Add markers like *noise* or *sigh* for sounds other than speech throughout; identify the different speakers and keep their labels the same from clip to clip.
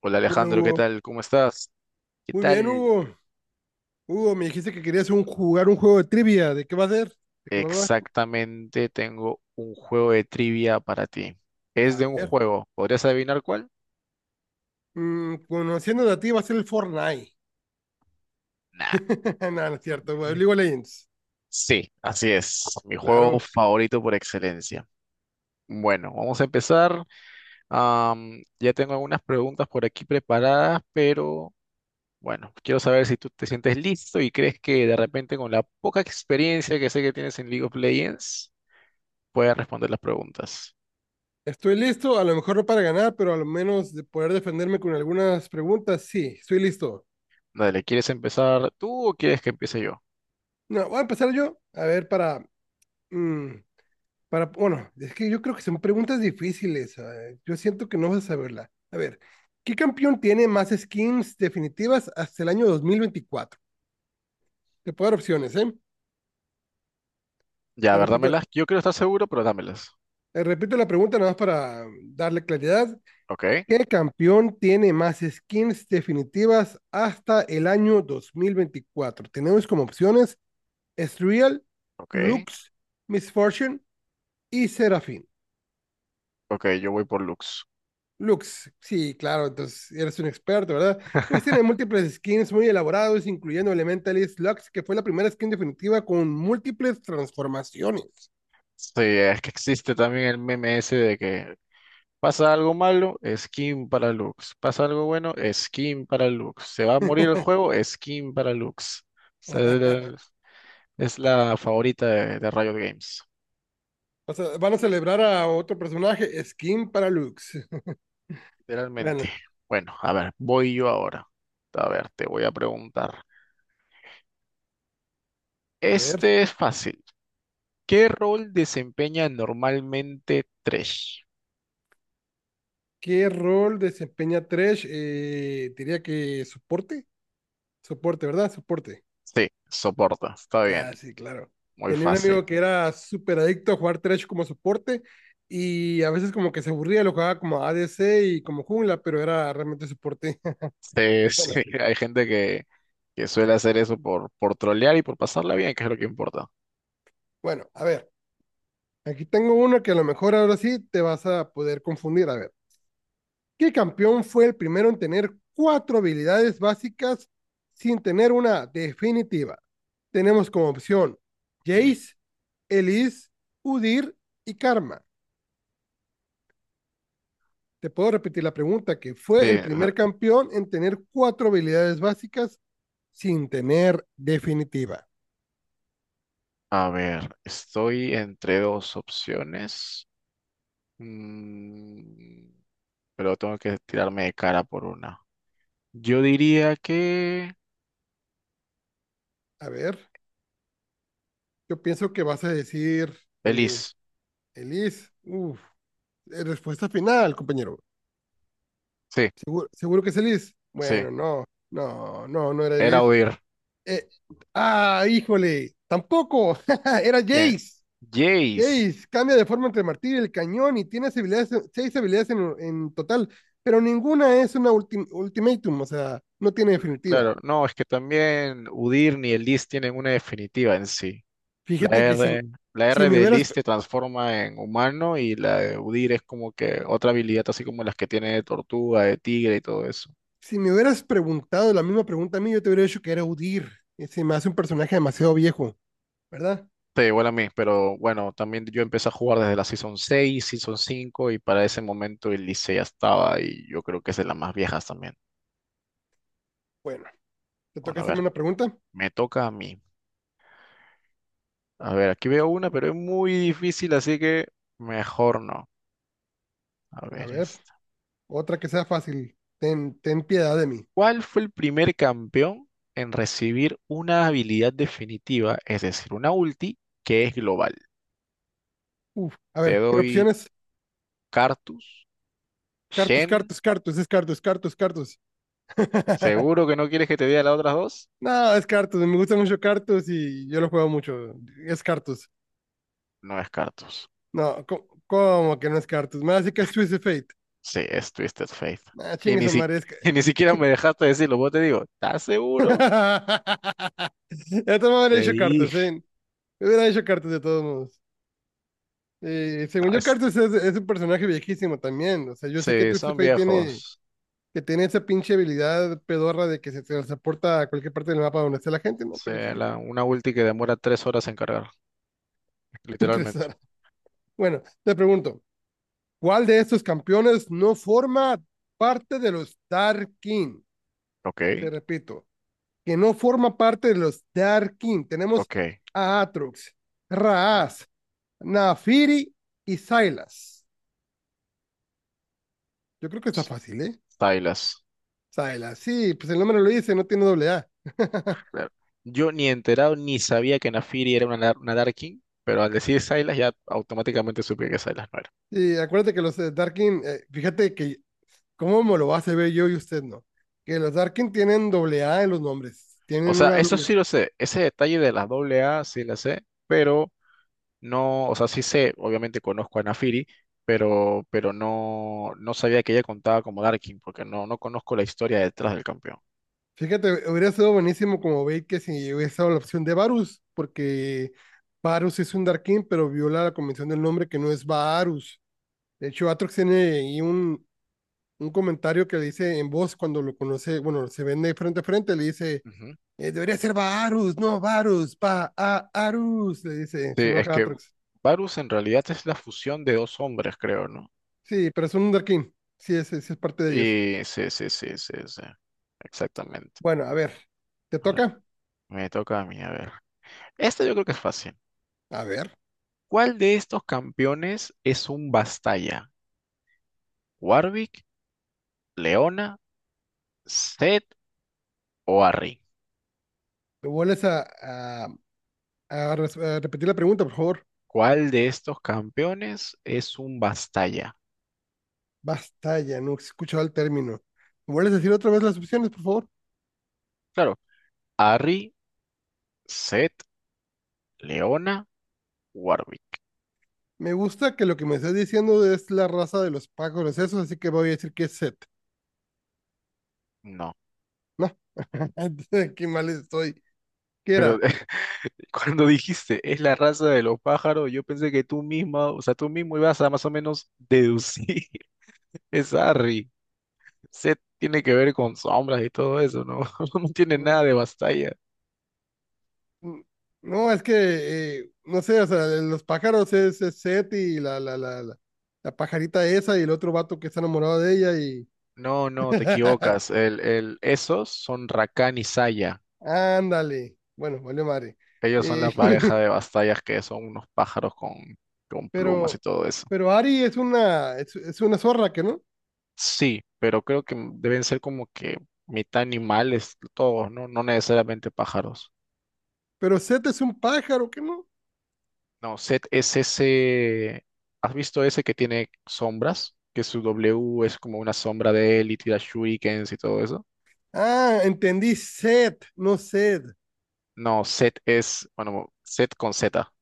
Speaker 1: Hola
Speaker 2: Uno,
Speaker 1: Alejandro, ¿qué
Speaker 2: Hugo.
Speaker 1: tal? ¿Cómo estás? ¿Qué
Speaker 2: Muy bien,
Speaker 1: tal?
Speaker 2: Hugo. Hugo, me dijiste que querías jugar un juego de trivia. ¿De qué va a ser? ¿De qué va a ser?
Speaker 1: Exactamente, tengo un juego de trivia para ti. Es
Speaker 2: A
Speaker 1: de un
Speaker 2: ver.
Speaker 1: juego. ¿Podrías adivinar cuál?
Speaker 2: Conociéndote a ti, va a ser el Fortnite.
Speaker 1: Nah.
Speaker 2: *laughs* No, no es cierto, güey. League of Legends.
Speaker 1: Sí, así es. Mi juego
Speaker 2: Claro.
Speaker 1: favorito por excelencia. Bueno, vamos a empezar. Ya tengo algunas preguntas por aquí preparadas, pero bueno, quiero saber si tú te sientes listo y crees que de repente con la poca experiencia que sé que tienes en League of Legends, puedas responder las preguntas.
Speaker 2: Estoy listo, a lo mejor no para ganar, pero a lo menos de poder defenderme con algunas preguntas. Sí, estoy listo.
Speaker 1: Dale, ¿quieres empezar tú o quieres que empiece yo?
Speaker 2: No, voy a empezar yo. A ver, mm, Para, bueno, es que yo creo que son preguntas difíciles. Yo siento que no vas a saberla. A ver, ¿qué campeón tiene más skins definitivas hasta el año 2024? Te puedo dar opciones, ¿eh?
Speaker 1: Ya, a
Speaker 2: Te
Speaker 1: ver,
Speaker 2: repito,
Speaker 1: dámelas. Yo quiero estar seguro, pero dámelas.
Speaker 2: te repito la pregunta nada más para darle claridad.
Speaker 1: Ok,
Speaker 2: ¿Qué campeón tiene más skins definitivas hasta el año 2024? Tenemos como opciones Ezreal,
Speaker 1: ok,
Speaker 2: Lux, Misfortune y Seraphine.
Speaker 1: ok, yo voy por Lux.
Speaker 2: Lux, sí, claro, entonces eres un experto, ¿verdad? Lux tiene múltiples skins muy elaborados, incluyendo Elementalist Lux, que fue la primera skin definitiva con múltiples transformaciones.
Speaker 1: Sí, es que existe también el meme ese de que pasa algo malo, skin para Lux. Pasa algo bueno, skin para Lux. Se va a morir el juego, skin para Lux. O sea,
Speaker 2: *laughs*
Speaker 1: es la favorita de Riot Games,
Speaker 2: O sea, van a celebrar a otro personaje, skin para Lux. *laughs*
Speaker 1: literalmente.
Speaker 2: Bueno,
Speaker 1: Bueno, a ver, voy yo ahora. A ver, te voy a preguntar.
Speaker 2: a ver,
Speaker 1: Este es fácil. ¿Qué rol desempeña normalmente Thresh?
Speaker 2: ¿qué rol desempeña Thresh? Diría que soporte, soporte, ¿verdad? Soporte.
Speaker 1: Sí, soporta, está bien,
Speaker 2: Ah, sí, claro.
Speaker 1: muy
Speaker 2: Tenía un
Speaker 1: fácil.
Speaker 2: amigo que era súper adicto a jugar Thresh como soporte y a veces como que se aburría, lo jugaba como ADC y como jungla, pero era realmente soporte. *laughs*
Speaker 1: Sí, *laughs* sí,
Speaker 2: Bueno,
Speaker 1: hay gente que suele hacer eso por trolear y por pasarla bien, que es lo que importa.
Speaker 2: bueno, a ver, aquí tengo uno que a lo mejor ahora sí te vas a poder confundir. A ver, ¿qué campeón fue el primero en tener cuatro habilidades básicas sin tener una definitiva? Tenemos como opción
Speaker 1: Ok.
Speaker 2: Jace, Elise, Udir y Karma. Te puedo repetir la pregunta, que fue
Speaker 1: Sí,
Speaker 2: el primer campeón en tener cuatro habilidades básicas sin tener definitiva.
Speaker 1: a ver, estoy entre dos opciones. Mm, pero tengo que tirarme de cara por una. Yo diría que
Speaker 2: A ver, yo pienso que vas a decir, eh,
Speaker 1: Elise.
Speaker 2: Elis. Uf, respuesta final, compañero.
Speaker 1: Sí,
Speaker 2: ¿Seguro, seguro que es Elis?
Speaker 1: sí,
Speaker 2: Bueno, no, no, no, no era
Speaker 1: era
Speaker 2: Elis.
Speaker 1: oír.
Speaker 2: Eh, ah, híjole, tampoco, *laughs* era
Speaker 1: ¿Quién?
Speaker 2: Jace.
Speaker 1: Jace.
Speaker 2: Jace cambia de forma entre el martillo y el cañón y tiene habilidades, seis habilidades en total, pero ninguna es una ultimatum, o sea, no tiene definitiva.
Speaker 1: Claro, no, es que también Udir ni el list tienen una definitiva en sí. La
Speaker 2: Fíjate que
Speaker 1: R, la
Speaker 2: si,
Speaker 1: R
Speaker 2: me
Speaker 1: de
Speaker 2: hubieras,
Speaker 1: list te transforma en humano y la de Udir es como que otra habilidad, así como las que tiene de tortuga, de tigre y todo eso.
Speaker 2: si me hubieras preguntado la misma pregunta a mí, yo te hubiera dicho que era Udir. Y se me hace un personaje demasiado viejo, ¿verdad?
Speaker 1: Sí, igual a mí, pero bueno, también yo empecé a jugar desde la Season 6, Season 5 y para ese momento el Licey ya estaba, y yo creo que es de las más viejas también.
Speaker 2: Bueno, te
Speaker 1: Bueno,
Speaker 2: toca
Speaker 1: a
Speaker 2: hacerme
Speaker 1: ver,
Speaker 2: una pregunta.
Speaker 1: me toca a mí. A ver, aquí veo una, pero es muy difícil, así que mejor no. A
Speaker 2: A
Speaker 1: ver,
Speaker 2: ver, otra que sea fácil. Ten, ten piedad de mí.
Speaker 1: ¿cuál fue el primer campeón en recibir una habilidad definitiva, es decir, una ulti que es global?
Speaker 2: Uf, a
Speaker 1: Te
Speaker 2: ver, ¿qué
Speaker 1: doy
Speaker 2: opciones?
Speaker 1: Cartus,
Speaker 2: Cartus,
Speaker 1: Shen.
Speaker 2: Cartus, Cartus, es Cartus, Cartus, Cartus. *laughs*
Speaker 1: ¿Seguro que no quieres que te diga las otras dos?
Speaker 2: No, es Cartus, me gusta mucho Cartus y yo lo juego mucho. Es Cartus.
Speaker 1: No es Cartus,
Speaker 2: No, ¿cómo que no es Cartus? Me hace que es Twist of Fate.
Speaker 1: sí, es Twisted Fate.
Speaker 2: Ah,
Speaker 1: Y
Speaker 2: chingue
Speaker 1: ni,
Speaker 2: su
Speaker 1: si-
Speaker 2: madre, es que.
Speaker 1: *laughs* Y ni siquiera me dejaste decirlo, vos te digo, ¿estás seguro?
Speaker 2: *laughs* Esto me hubiera
Speaker 1: Te
Speaker 2: hecho Cartus,
Speaker 1: dije,
Speaker 2: ¿eh? Me hubiera hecho Cartus de todos modos.
Speaker 1: no,
Speaker 2: Según yo,
Speaker 1: es,
Speaker 2: Cartus es un personaje viejísimo también. O sea, yo sé que
Speaker 1: sí,
Speaker 2: Twist of
Speaker 1: son
Speaker 2: Fate tiene,
Speaker 1: viejos.
Speaker 2: que tiene esa pinche habilidad pedorra de que se transporta a cualquier parte del mapa donde esté la gente, ¿no?
Speaker 1: Sí,
Speaker 2: Pero chingue, su
Speaker 1: una ulti que demora 3 horas en cargar,
Speaker 2: *laughs*
Speaker 1: literalmente.
Speaker 2: interesar. Bueno, te pregunto. ¿Cuál de estos campeones no forma parte de los Dark King?
Speaker 1: Ok,
Speaker 2: Te repito, que no forma parte de los Dark King. Tenemos
Speaker 1: ok,
Speaker 2: a Atrox,
Speaker 1: ok.
Speaker 2: Raas, Naafiri y Silas. Yo creo que está fácil, ¿eh?
Speaker 1: Stylas.
Speaker 2: Silas, sí, pues el nombre lo dice, no tiene doble A.
Speaker 1: Claro. Yo ni enterado ni sabía que Nafiri era una Darkin, pero al decir Sylas ya automáticamente supe que Sylas no era.
Speaker 2: Y acuérdate que los Darkin, fíjate que cómo me lo vas a ver yo y usted no. Que los Darkin tienen doble A en los nombres.
Speaker 1: O
Speaker 2: Tienen
Speaker 1: sea,
Speaker 2: una
Speaker 1: eso
Speaker 2: doble.
Speaker 1: sí lo sé, ese detalle de las doble A sí la sé, pero no, o sea, sí sé, obviamente conozco a Nafiri, pero no, no, sabía que ella contaba como Darkin, porque no conozco la historia detrás del campeón.
Speaker 2: Fíjate, hubiera sido buenísimo como Bait que si hubiese dado la opción de Varus, porque Varus es un Darkin, pero viola la convención del nombre que no es Varus. De hecho, Atrox tiene ahí un comentario que le dice en voz cuando lo conoce, bueno, se vende frente a frente, le dice,
Speaker 1: Ujú.
Speaker 2: debería ser Varus, no Varus, va a Arus, le dice,
Speaker 1: Sí,
Speaker 2: se
Speaker 1: es
Speaker 2: enoja
Speaker 1: que
Speaker 2: Atrox.
Speaker 1: Varus en realidad es la fusión de dos hombres, creo, ¿no?
Speaker 2: Sí, pero es un Darkin, sí es parte de ellos.
Speaker 1: Y sí, sí, sí, sí, sí. Exactamente.
Speaker 2: Bueno, a ver, ¿te
Speaker 1: A ver,
Speaker 2: toca?
Speaker 1: me toca a mí, a ver. Esta yo creo que es fácil.
Speaker 2: A ver,
Speaker 1: ¿Cuál de estos campeones es un Bastaya? ¿Warwick, Leona, Seth o Arri?
Speaker 2: ¿te vuelves a repetir la pregunta, por favor.
Speaker 1: ¿Cuál de estos campeones es un Bastaya?
Speaker 2: Basta ya, no he escuchado el término. ¿Me vuelves a decir otra vez las opciones, por favor?
Speaker 1: Claro, Arri, Seth, Leona, Warwick.
Speaker 2: Me gusta que lo que me estás diciendo es la raza de los pájaros esos, así que voy a decir que es Set.
Speaker 1: No,
Speaker 2: No, *laughs* qué mal estoy. ¿Qué
Speaker 1: pero
Speaker 2: era?
Speaker 1: *laughs* cuando dijiste es la raza de los pájaros, yo pensé que tú misma, o sea, tú mismo ibas a más o menos deducir *laughs* es Arri. Seth tiene que ver con sombras y todo eso, ¿no? *laughs* No tiene
Speaker 2: No,
Speaker 1: nada de Bastaya.
Speaker 2: no, es que, no sé, o sea, los pájaros es Set y la pajarita esa y el otro vato que está enamorado de ella y...
Speaker 1: No, no, te equivocas.
Speaker 2: *laughs*
Speaker 1: Esos son Rakan y Saya.
Speaker 2: Ándale. Bueno, vale, madre.
Speaker 1: Ellos son la
Speaker 2: Eh,
Speaker 1: pareja de
Speaker 2: *laughs*
Speaker 1: bastallas que son unos pájaros con plumas y
Speaker 2: pero,
Speaker 1: todo eso.
Speaker 2: pero Ari es una zorra, ¿que no?
Speaker 1: Sí, pero creo que deben ser como que mitad animales todos, ¿no? No necesariamente pájaros.
Speaker 2: Pero Set es un pájaro, ¿qué no?
Speaker 1: No, Set es ese. ¿Has visto ese que tiene sombras? Que su W es como una sombra de él y tira shurikens y todo eso.
Speaker 2: Ah, entendí Set, no Sed.
Speaker 1: No, Set es. Bueno, Set con Z.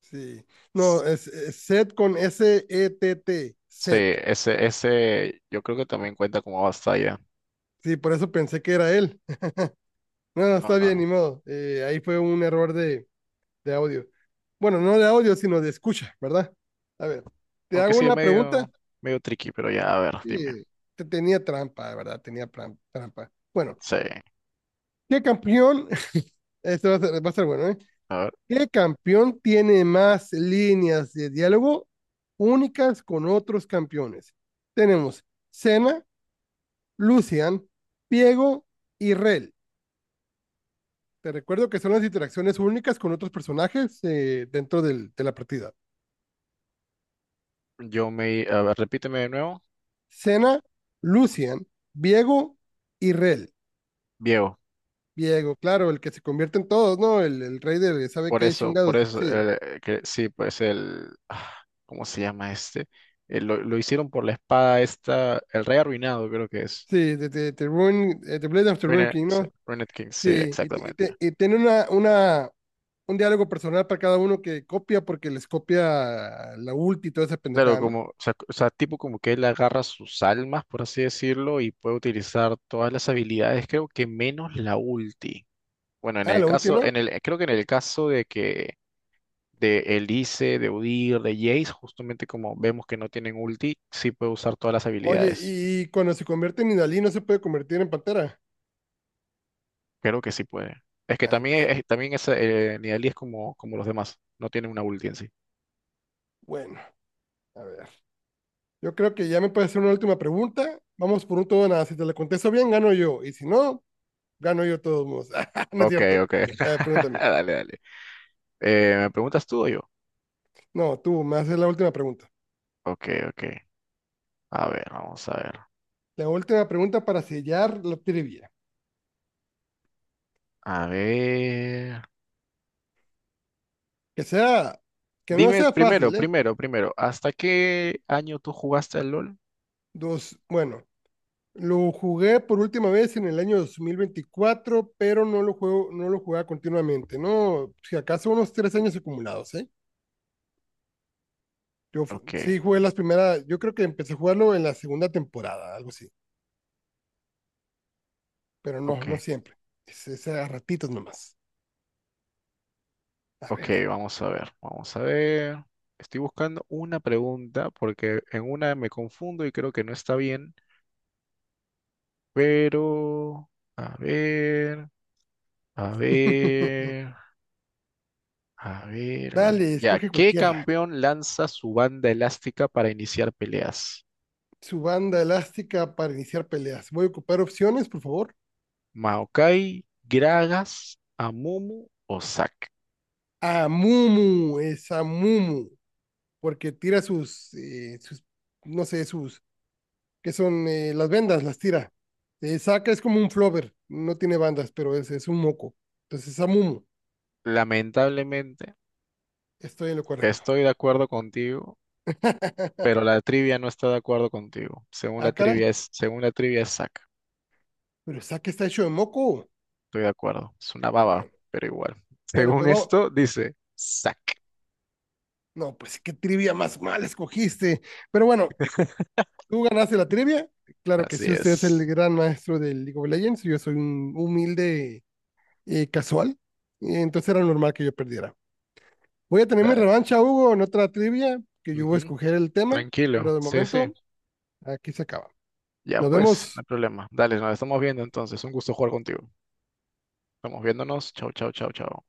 Speaker 2: Sí. No,
Speaker 1: S-
Speaker 2: es Set con S-E-T-T.
Speaker 1: Sí,
Speaker 2: Set.
Speaker 1: ese yo creo que también cuenta como Bastaya.
Speaker 2: Sí, por eso pensé que era él. No, no,
Speaker 1: No,
Speaker 2: está
Speaker 1: no,
Speaker 2: bien,
Speaker 1: no.
Speaker 2: ni modo. Ahí fue un error de audio. Bueno, no de audio, sino de escucha, ¿verdad? A ver, te
Speaker 1: Aunque
Speaker 2: hago
Speaker 1: sí es
Speaker 2: una pregunta.
Speaker 1: medio tricky, pero ya, a ver, dime.
Speaker 2: Sí, te tenía trampa, de verdad, tenía trampa. Bueno,
Speaker 1: Sí.
Speaker 2: ¿qué campeón? *laughs* Esto va a ser bueno, ¿eh?
Speaker 1: A ver,
Speaker 2: ¿Qué campeón tiene más líneas de diálogo únicas con otros campeones? Tenemos Cena, Lucian, Piego y Rel. Te recuerdo que son las interacciones únicas con otros personajes dentro de la partida.
Speaker 1: a ver, repíteme de nuevo.
Speaker 2: Cena, Lucian, Viego y Rel.
Speaker 1: Viejo.
Speaker 2: Viego, claro, el que se convierte en todos, ¿no? El rey de sabe
Speaker 1: Por
Speaker 2: qué
Speaker 1: eso, por
Speaker 2: chingados.
Speaker 1: eso.
Speaker 2: Sí,
Speaker 1: Que, sí, pues el, ah, ¿cómo se llama este? Lo hicieron por la espada esta. El rey arruinado, creo que es.
Speaker 2: sí, de Blade of the Ruin
Speaker 1: Ruined,
Speaker 2: King,
Speaker 1: sí,
Speaker 2: ¿no?
Speaker 1: Ruined King, sí,
Speaker 2: Sí, y, te- y
Speaker 1: exactamente.
Speaker 2: te- y tiene un diálogo personal para cada uno que copia porque les copia la ulti y toda esa
Speaker 1: Claro,
Speaker 2: pendejada, ¿no?
Speaker 1: como, o sea, tipo como que él agarra sus almas, por así decirlo, y puede utilizar todas las habilidades, creo que menos la ulti. Bueno, en
Speaker 2: Ah,
Speaker 1: el
Speaker 2: la ulti,
Speaker 1: caso,
Speaker 2: ¿no?
Speaker 1: en el, creo que en el caso de Elise, de Udyr, de Jace, justamente como vemos que no tienen ulti, sí puede usar todas las
Speaker 2: Oye,
Speaker 1: habilidades.
Speaker 2: y cuando se convierte en Inalí no se puede convertir en pantera.
Speaker 1: Creo que sí puede. Es que
Speaker 2: Ah,
Speaker 1: también,
Speaker 2: entonces.
Speaker 1: también es, Nidalee es como los demás, no tiene una ulti en sí.
Speaker 2: Bueno, a ver. Yo creo que ya me puede hacer una última pregunta. Vamos por un todo o nada. Si te la contesto bien, gano yo. Y si no, gano yo todos modos. *laughs* no es
Speaker 1: Ok,
Speaker 2: cierto.
Speaker 1: ok. *laughs*
Speaker 2: Pregúntame.
Speaker 1: Dale, dale. ¿Me preguntas tú o yo?
Speaker 2: No, tú me haces la última pregunta.
Speaker 1: Ok, ok. A ver, vamos a ver.
Speaker 2: La última pregunta para sellar la trivia.
Speaker 1: A ver.
Speaker 2: Que sea, que no
Speaker 1: Dime
Speaker 2: sea
Speaker 1: primero,
Speaker 2: fácil, ¿eh?
Speaker 1: primero, primero, ¿hasta qué año tú jugaste al LOL?
Speaker 2: Dos, bueno, lo jugué por última vez en el año 2024, pero no lo juego, no lo jugaba continuamente, ¿no? Si acaso unos 3 años acumulados, ¿eh? Yo
Speaker 1: Ok,
Speaker 2: sí jugué las primeras, yo creo que empecé a jugarlo en la segunda temporada, algo así, pero no,
Speaker 1: ok.
Speaker 2: no siempre. Es a ratitos nomás. A
Speaker 1: Ok,
Speaker 2: ver.
Speaker 1: vamos a ver, vamos a ver. Estoy buscando una pregunta porque en una me confundo y creo que no está bien, pero a ver, a
Speaker 2: *laughs*
Speaker 1: ver, a ver, a ver.
Speaker 2: Dale,
Speaker 1: Ya,
Speaker 2: escoge
Speaker 1: ¿qué
Speaker 2: cualquiera.
Speaker 1: campeón lanza su banda elástica para iniciar peleas?
Speaker 2: Su banda elástica para iniciar peleas. Voy a ocupar opciones, por favor.
Speaker 1: ¿Maokai, Gragas, Amumu o Zack?
Speaker 2: Amumu, es Amumu, porque tira sus, sus, no sé, sus que son las vendas, las tira. Saca es como un flover, no tiene bandas, pero es un moco. Entonces, Amumu,
Speaker 1: Lamentablemente,
Speaker 2: estoy en lo correcto.
Speaker 1: estoy de acuerdo contigo,
Speaker 2: *laughs*
Speaker 1: pero la trivia no está de acuerdo contigo.
Speaker 2: ah, caray,
Speaker 1: Según la trivia es Zack.
Speaker 2: pero Saca está hecho de moco.
Speaker 1: Estoy de acuerdo. Es una baba,
Speaker 2: Bueno,
Speaker 1: pero igual.
Speaker 2: bueno,
Speaker 1: Según
Speaker 2: pues vamos.
Speaker 1: esto, dice sac.
Speaker 2: No, pues qué trivia más mal escogiste. Pero bueno, tú ganaste la trivia. Claro que
Speaker 1: Así
Speaker 2: sí, usted es el
Speaker 1: es.
Speaker 2: gran maestro del League of Legends. Yo soy un humilde casual. Y entonces era normal que yo perdiera. Voy a tener mi
Speaker 1: Dale.
Speaker 2: revancha, Hugo, en otra trivia que yo voy a
Speaker 1: Ujú.
Speaker 2: escoger el tema,
Speaker 1: Tranquilo.
Speaker 2: pero de
Speaker 1: Sí, sí.
Speaker 2: momento aquí se acaba.
Speaker 1: Ya
Speaker 2: Nos
Speaker 1: pues, no hay
Speaker 2: vemos.
Speaker 1: problema. Dale, nos estamos viendo entonces. Un gusto jugar contigo. Estamos viéndonos. Chau, chau, chau, chau.